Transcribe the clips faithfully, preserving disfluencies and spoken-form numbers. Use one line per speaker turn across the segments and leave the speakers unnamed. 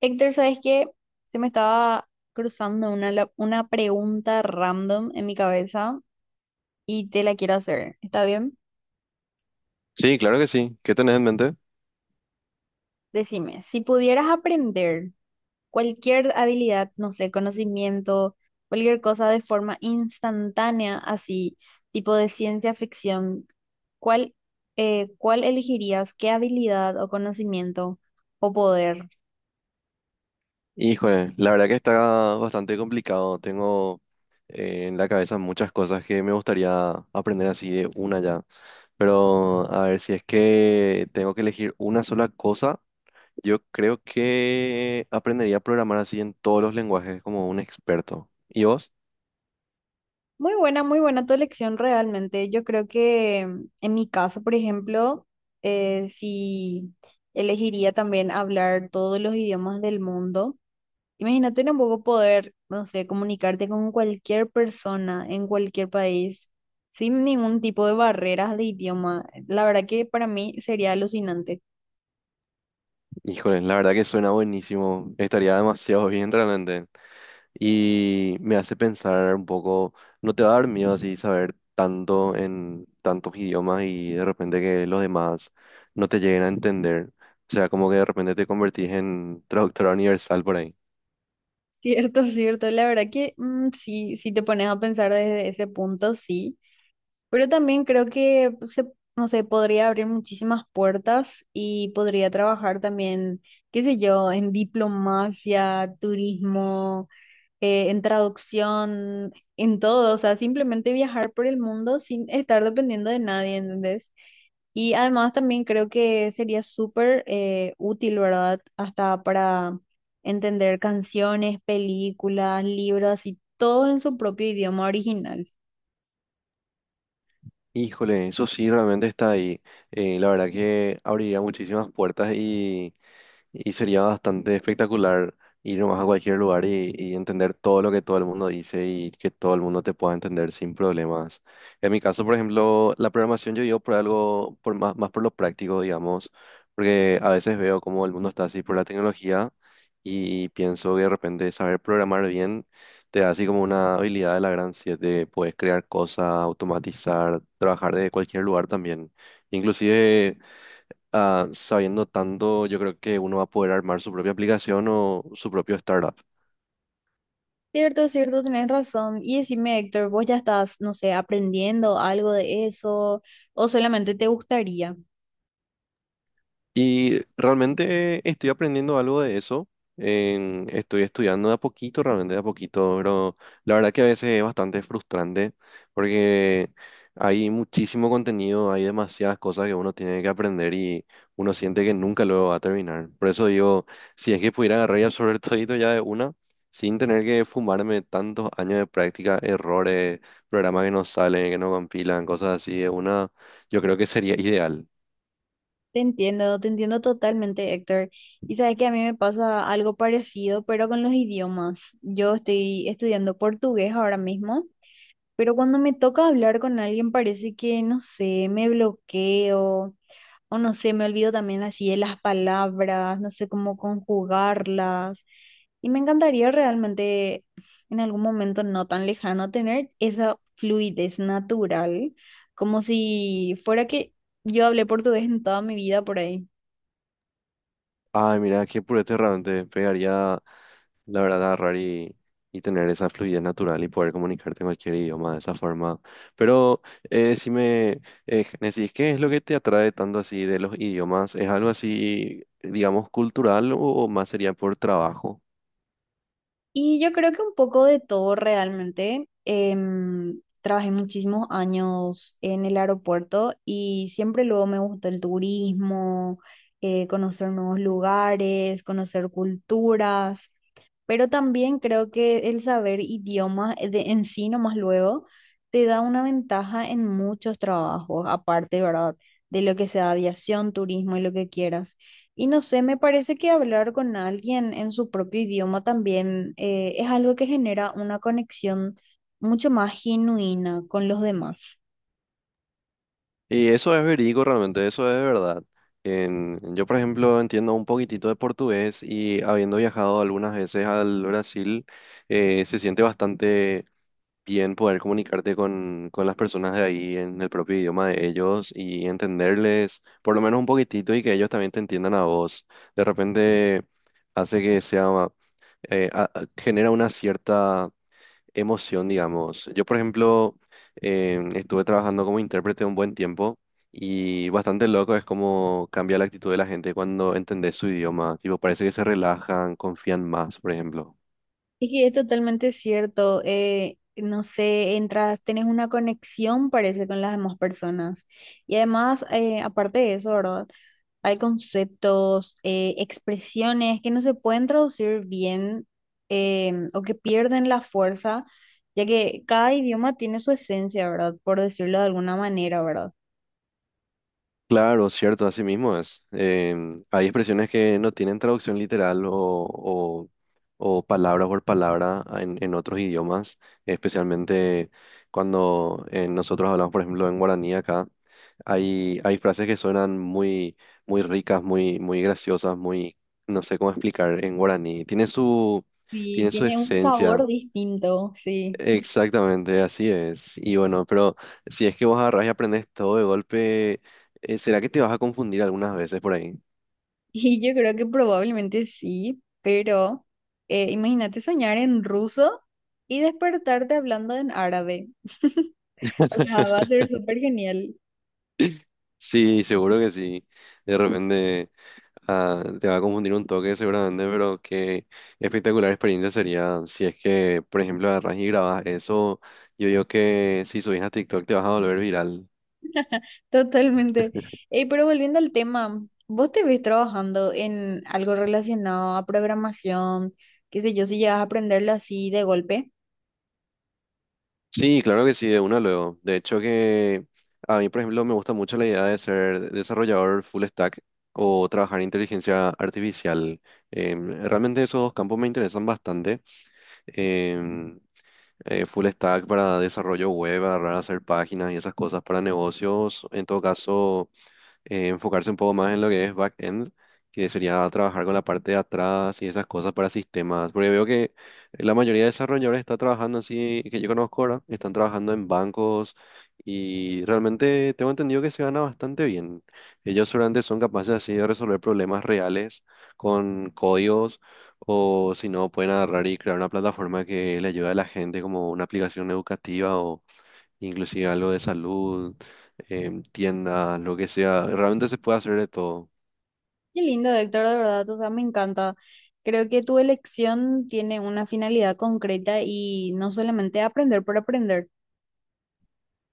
Héctor, ¿sabes qué? Se me estaba cruzando una, la- una pregunta random en mi cabeza y te la quiero hacer. ¿Está bien?
Sí, claro que sí. ¿Qué tenés en mente?
Decime, si pudieras aprender cualquier habilidad, no sé, conocimiento, cualquier cosa de forma instantánea, así, tipo de ciencia ficción, ¿cuál, eh, cuál elegirías? ¿Qué habilidad o conocimiento o poder?
Híjole, la verdad que está bastante complicado. Tengo eh, en la cabeza muchas cosas que me gustaría aprender así de una ya. Pero a ver, si es que tengo que elegir una sola cosa, yo creo que aprendería a programar así en todos los lenguajes como un experto. ¿Y vos?
Muy buena, muy buena tu elección realmente. Yo creo que mm, en mi caso, por ejemplo, eh, si elegiría también hablar todos los idiomas del mundo, imagínate tampoco poder, no sé, comunicarte con cualquier persona en cualquier país sin ningún tipo de barreras de idioma. La verdad que para mí sería alucinante.
Híjole, la verdad que suena buenísimo. Estaría demasiado bien realmente. Y me hace pensar un poco. ¿No te va a dar miedo así saber tanto en tantos idiomas y de repente que los demás no te lleguen a entender? O sea, como que de repente te convertís en traductora universal por ahí.
Cierto, cierto. La verdad que mm, sí, si te pones a pensar desde ese punto, sí. Pero también creo que se, no sé, podría abrir muchísimas puertas y podría trabajar también, qué sé yo, en diplomacia, turismo, eh, en traducción, en todo. O sea, simplemente viajar por el mundo sin estar dependiendo de nadie, ¿entendés? Y además también creo que sería súper eh, útil, ¿verdad? Hasta para entender canciones, películas, libros y todo en su propio idioma original.
Híjole, eso sí realmente está ahí. Eh, la verdad que abriría muchísimas puertas y Y sería bastante espectacular ir nomás a cualquier lugar y, y entender todo lo que todo el mundo dice y que todo el mundo te pueda entender sin problemas. En mi caso, por ejemplo, la programación yo digo por algo, por más, más por lo práctico, digamos, porque a veces veo cómo el mundo está así por la tecnología y pienso que de repente saber programar bien te da así como una habilidad de la gran siete, puedes crear cosas, automatizar, trabajar desde cualquier lugar también. Inclusive ah, sabiendo tanto, yo creo que uno va a poder armar su propia aplicación o su propio startup.
Cierto, cierto, tenés razón. Y decime, Héctor, ¿vos ya estás, no sé, aprendiendo algo de eso o solamente te gustaría?
Y realmente estoy aprendiendo algo de eso. En- estoy estudiando de a poquito, realmente de a poquito, pero la verdad que a veces es bastante frustrante porque hay muchísimo contenido, hay demasiadas cosas que uno tiene que aprender y uno siente que nunca lo va a terminar. Por eso digo, si es que pudiera agarrar y absorber todito ya de una, sin tener que fumarme tantos años de práctica, errores, programas que no salen, que no compilan, cosas así de una, yo creo que sería ideal.
Te entiendo, te entiendo totalmente, Héctor. Y sabes que a mí me pasa algo parecido, pero con los idiomas. Yo estoy estudiando portugués ahora mismo, pero cuando me toca hablar con alguien parece que, no sé, me bloqueo. O no sé, me olvido también así de las palabras, no sé cómo conjugarlas. Y me encantaría realmente en algún momento no tan lejano tener esa fluidez natural, como si fuera que yo hablé portugués en toda mi vida por ahí.
Ay, mira, qué purete te pegaría, la verdad, agarrar y, y tener esa fluidez natural y poder comunicarte en cualquier idioma de esa forma. Pero eh, si me eh, decís, ¿qué es lo que te atrae tanto así de los idiomas? ¿Es algo así, digamos, cultural o, o más sería por trabajo?
Y yo creo que un poco de todo realmente. Em, trabajé muchísimos años en el aeropuerto y siempre luego me gustó el turismo, eh, conocer nuevos lugares, conocer culturas, pero también creo que el saber idiomas eh, de, en sí nomás luego te da una ventaja en muchos trabajos, aparte, ¿verdad? De lo que sea aviación, turismo y lo que quieras. Y no sé, me parece que hablar con alguien en su propio idioma también eh, es algo que genera una conexión mucho más genuina con los demás.
Y eso es verídico realmente, eso es de verdad. En- yo, por ejemplo, entiendo un poquitito de portugués y habiendo viajado algunas veces al Brasil, eh, se siente bastante bien poder comunicarte con, con las personas de ahí en el propio idioma de ellos y entenderles por lo menos un poquitito y que ellos también te entiendan a vos. De repente hace que sea, eh, a- a- genera una cierta emoción, digamos. Yo, por ejemplo, em, estuve trabajando como intérprete un buen tiempo. Y bastante loco es como cambia la actitud de la gente cuando entendés su idioma. Tipo, parece que se relajan, confían más, por ejemplo.
Es que es totalmente cierto, eh, no sé, entras, tenés una conexión, parece, con las demás personas. Y además, eh, aparte de eso, ¿verdad? Hay conceptos, eh, expresiones que no se pueden traducir bien, em, o que pierden la fuerza, ya que cada idioma tiene su esencia, ¿verdad? Por decirlo de alguna manera, ¿verdad?
Claro, cierto, así mismo es. Em, hay expresiones que no tienen traducción literal o, o- o palabra por palabra en, en otros idiomas, especialmente cuando eh, nosotros hablamos, por ejemplo, en guaraní acá, hay, hay frases que suenan muy, muy ricas, muy, muy graciosas, muy, no sé cómo explicar en guaraní. Tiene su,
Sí,
tiene su
tiene un
esencia.
sabor distinto, sí.
Exactamente, así es. Y bueno, pero si es que vos agarrás y aprendes todo de golpe, eh, ¿será que te vas a confundir algunas veces por ahí?
Y yo creo que probablemente sí, pero eh, imagínate soñar en ruso y despertarte hablando en árabe. O sea, va a ser súper genial.
Sí, seguro que sí. De repente ah, te va a confundir un toque seguramente, pero qué espectacular experiencia sería si es que, por ejemplo, agarras y grabas eso. Yo digo que si subís a TikTok te vas a volver viral.
Totalmente. Eh, pero volviendo al tema, ¿vos te ves trabajando en algo relacionado a programación? Qué sé yo, si llegas a aprenderlo así de golpe.
Sí, claro que sí, de una luego. De hecho que a mí, por ejemplo, me gusta mucho la idea de ser desarrollador full stack o trabajar en inteligencia artificial. Em, realmente esos dos campos me interesan bastante. Em, eh, Full stack para desarrollo web, agarrar a hacer páginas y esas cosas para negocios. En todo caso eh, enfocarse un poco más en lo que es back end, que sería trabajar con la parte de atrás y esas cosas para sistemas. Porque veo que la mayoría de desarrolladores está trabajando así, que yo conozco ahora, están trabajando en bancos y realmente tengo entendido que se gana bastante bien. Ellos seguramente son capaces así de resolver problemas reales con códigos, o si no pueden agarrar y crear una plataforma que le ayude a la gente como una aplicación educativa, inclusive algo de salud, em, tiendas, lo que sea, realmente se puede hacer de todo.
Qué lindo, Héctor, de verdad, o sea, me encanta. Creo que tu elección tiene una finalidad concreta y no solamente aprender por aprender.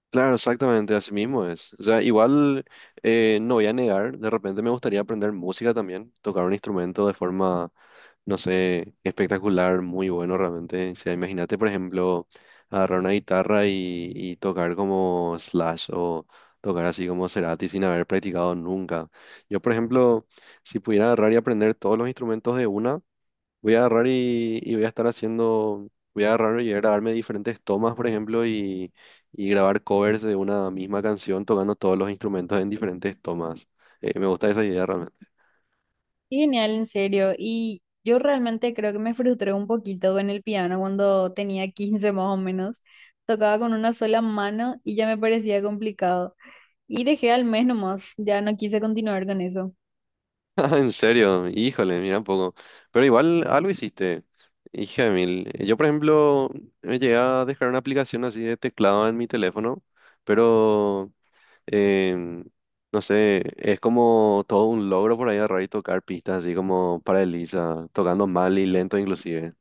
Claro, exactamente, así mismo es. O sea, igual eh, no voy a negar, de repente me gustaría aprender música también, tocar un instrumento de forma, no sé, espectacular, muy bueno realmente. O sea, imagínate, por ejemplo, agarrar una guitarra y, y tocar como Slash o tocar así como Cerati sin haber practicado nunca. Yo, por ejemplo, si pudiera agarrar y aprender todos los instrumentos de una, voy a agarrar y, y voy a estar haciendo, voy a agarrar y grabarme diferentes tomas, por ejemplo, y, y grabar covers de una misma canción tocando todos los instrumentos en diferentes tomas. Eh, me gusta esa idea realmente.
Qué genial, en serio. Y yo realmente creo que me frustré un poquito con el piano cuando tenía quince más o menos. Tocaba con una sola mano y ya me parecía complicado. Y dejé al mes nomás, ya no quise continuar con eso.
Ah, en serio, híjole, mira un poco. Pero igual algo hiciste, hija de mil. Eh, Yo, por ejemplo, me llegué a dejar una aplicación así de teclado en mi teléfono, pero em, no sé, es como todo un logro por ahí agarrar y tocar pistas así como para Elisa, tocando mal y lento inclusive.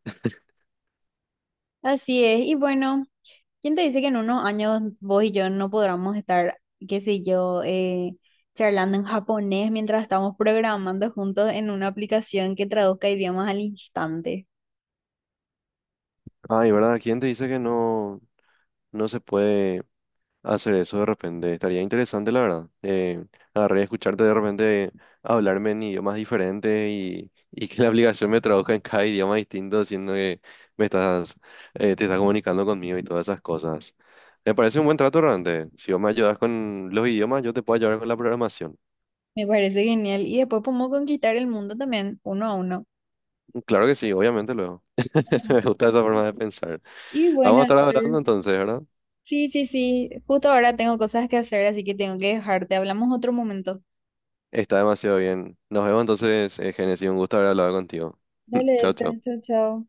Así es, y bueno, ¿quién te dice que en unos años vos y yo no podamos estar, qué sé yo, eh, charlando en japonés mientras estamos programando juntos en una aplicación que traduzca idiomas al instante?
Ay, ¿verdad? ¿Quién te dice que no, no se puede hacer eso de repente? Estaría interesante, la verdad. Eh, agarrar y escucharte de repente hablarme en idiomas diferentes y, y que la aplicación me traduzca en cada idioma distinto, siendo que me estás, eh, te estás comunicando conmigo y todas esas cosas. Me parece un buen trato realmente. Si vos me ayudas con los idiomas, yo te puedo ayudar con la programación.
Me parece genial. Y después podemos conquistar el mundo también, uno a uno.
Claro que sí, obviamente luego. Me gusta esa forma de pensar.
Y
Vamos a
bueno,
estar hablando
entonces,
entonces, ¿verdad?
sí, sí, sí, justo ahora tengo cosas que hacer, así que tengo que dejarte. Hablamos otro momento.
Está demasiado bien. Nos vemos entonces, eh, Génesis. Un gusto haber hablado contigo.
Dale,
Chao,
Héctor,
chao.
chao, chao.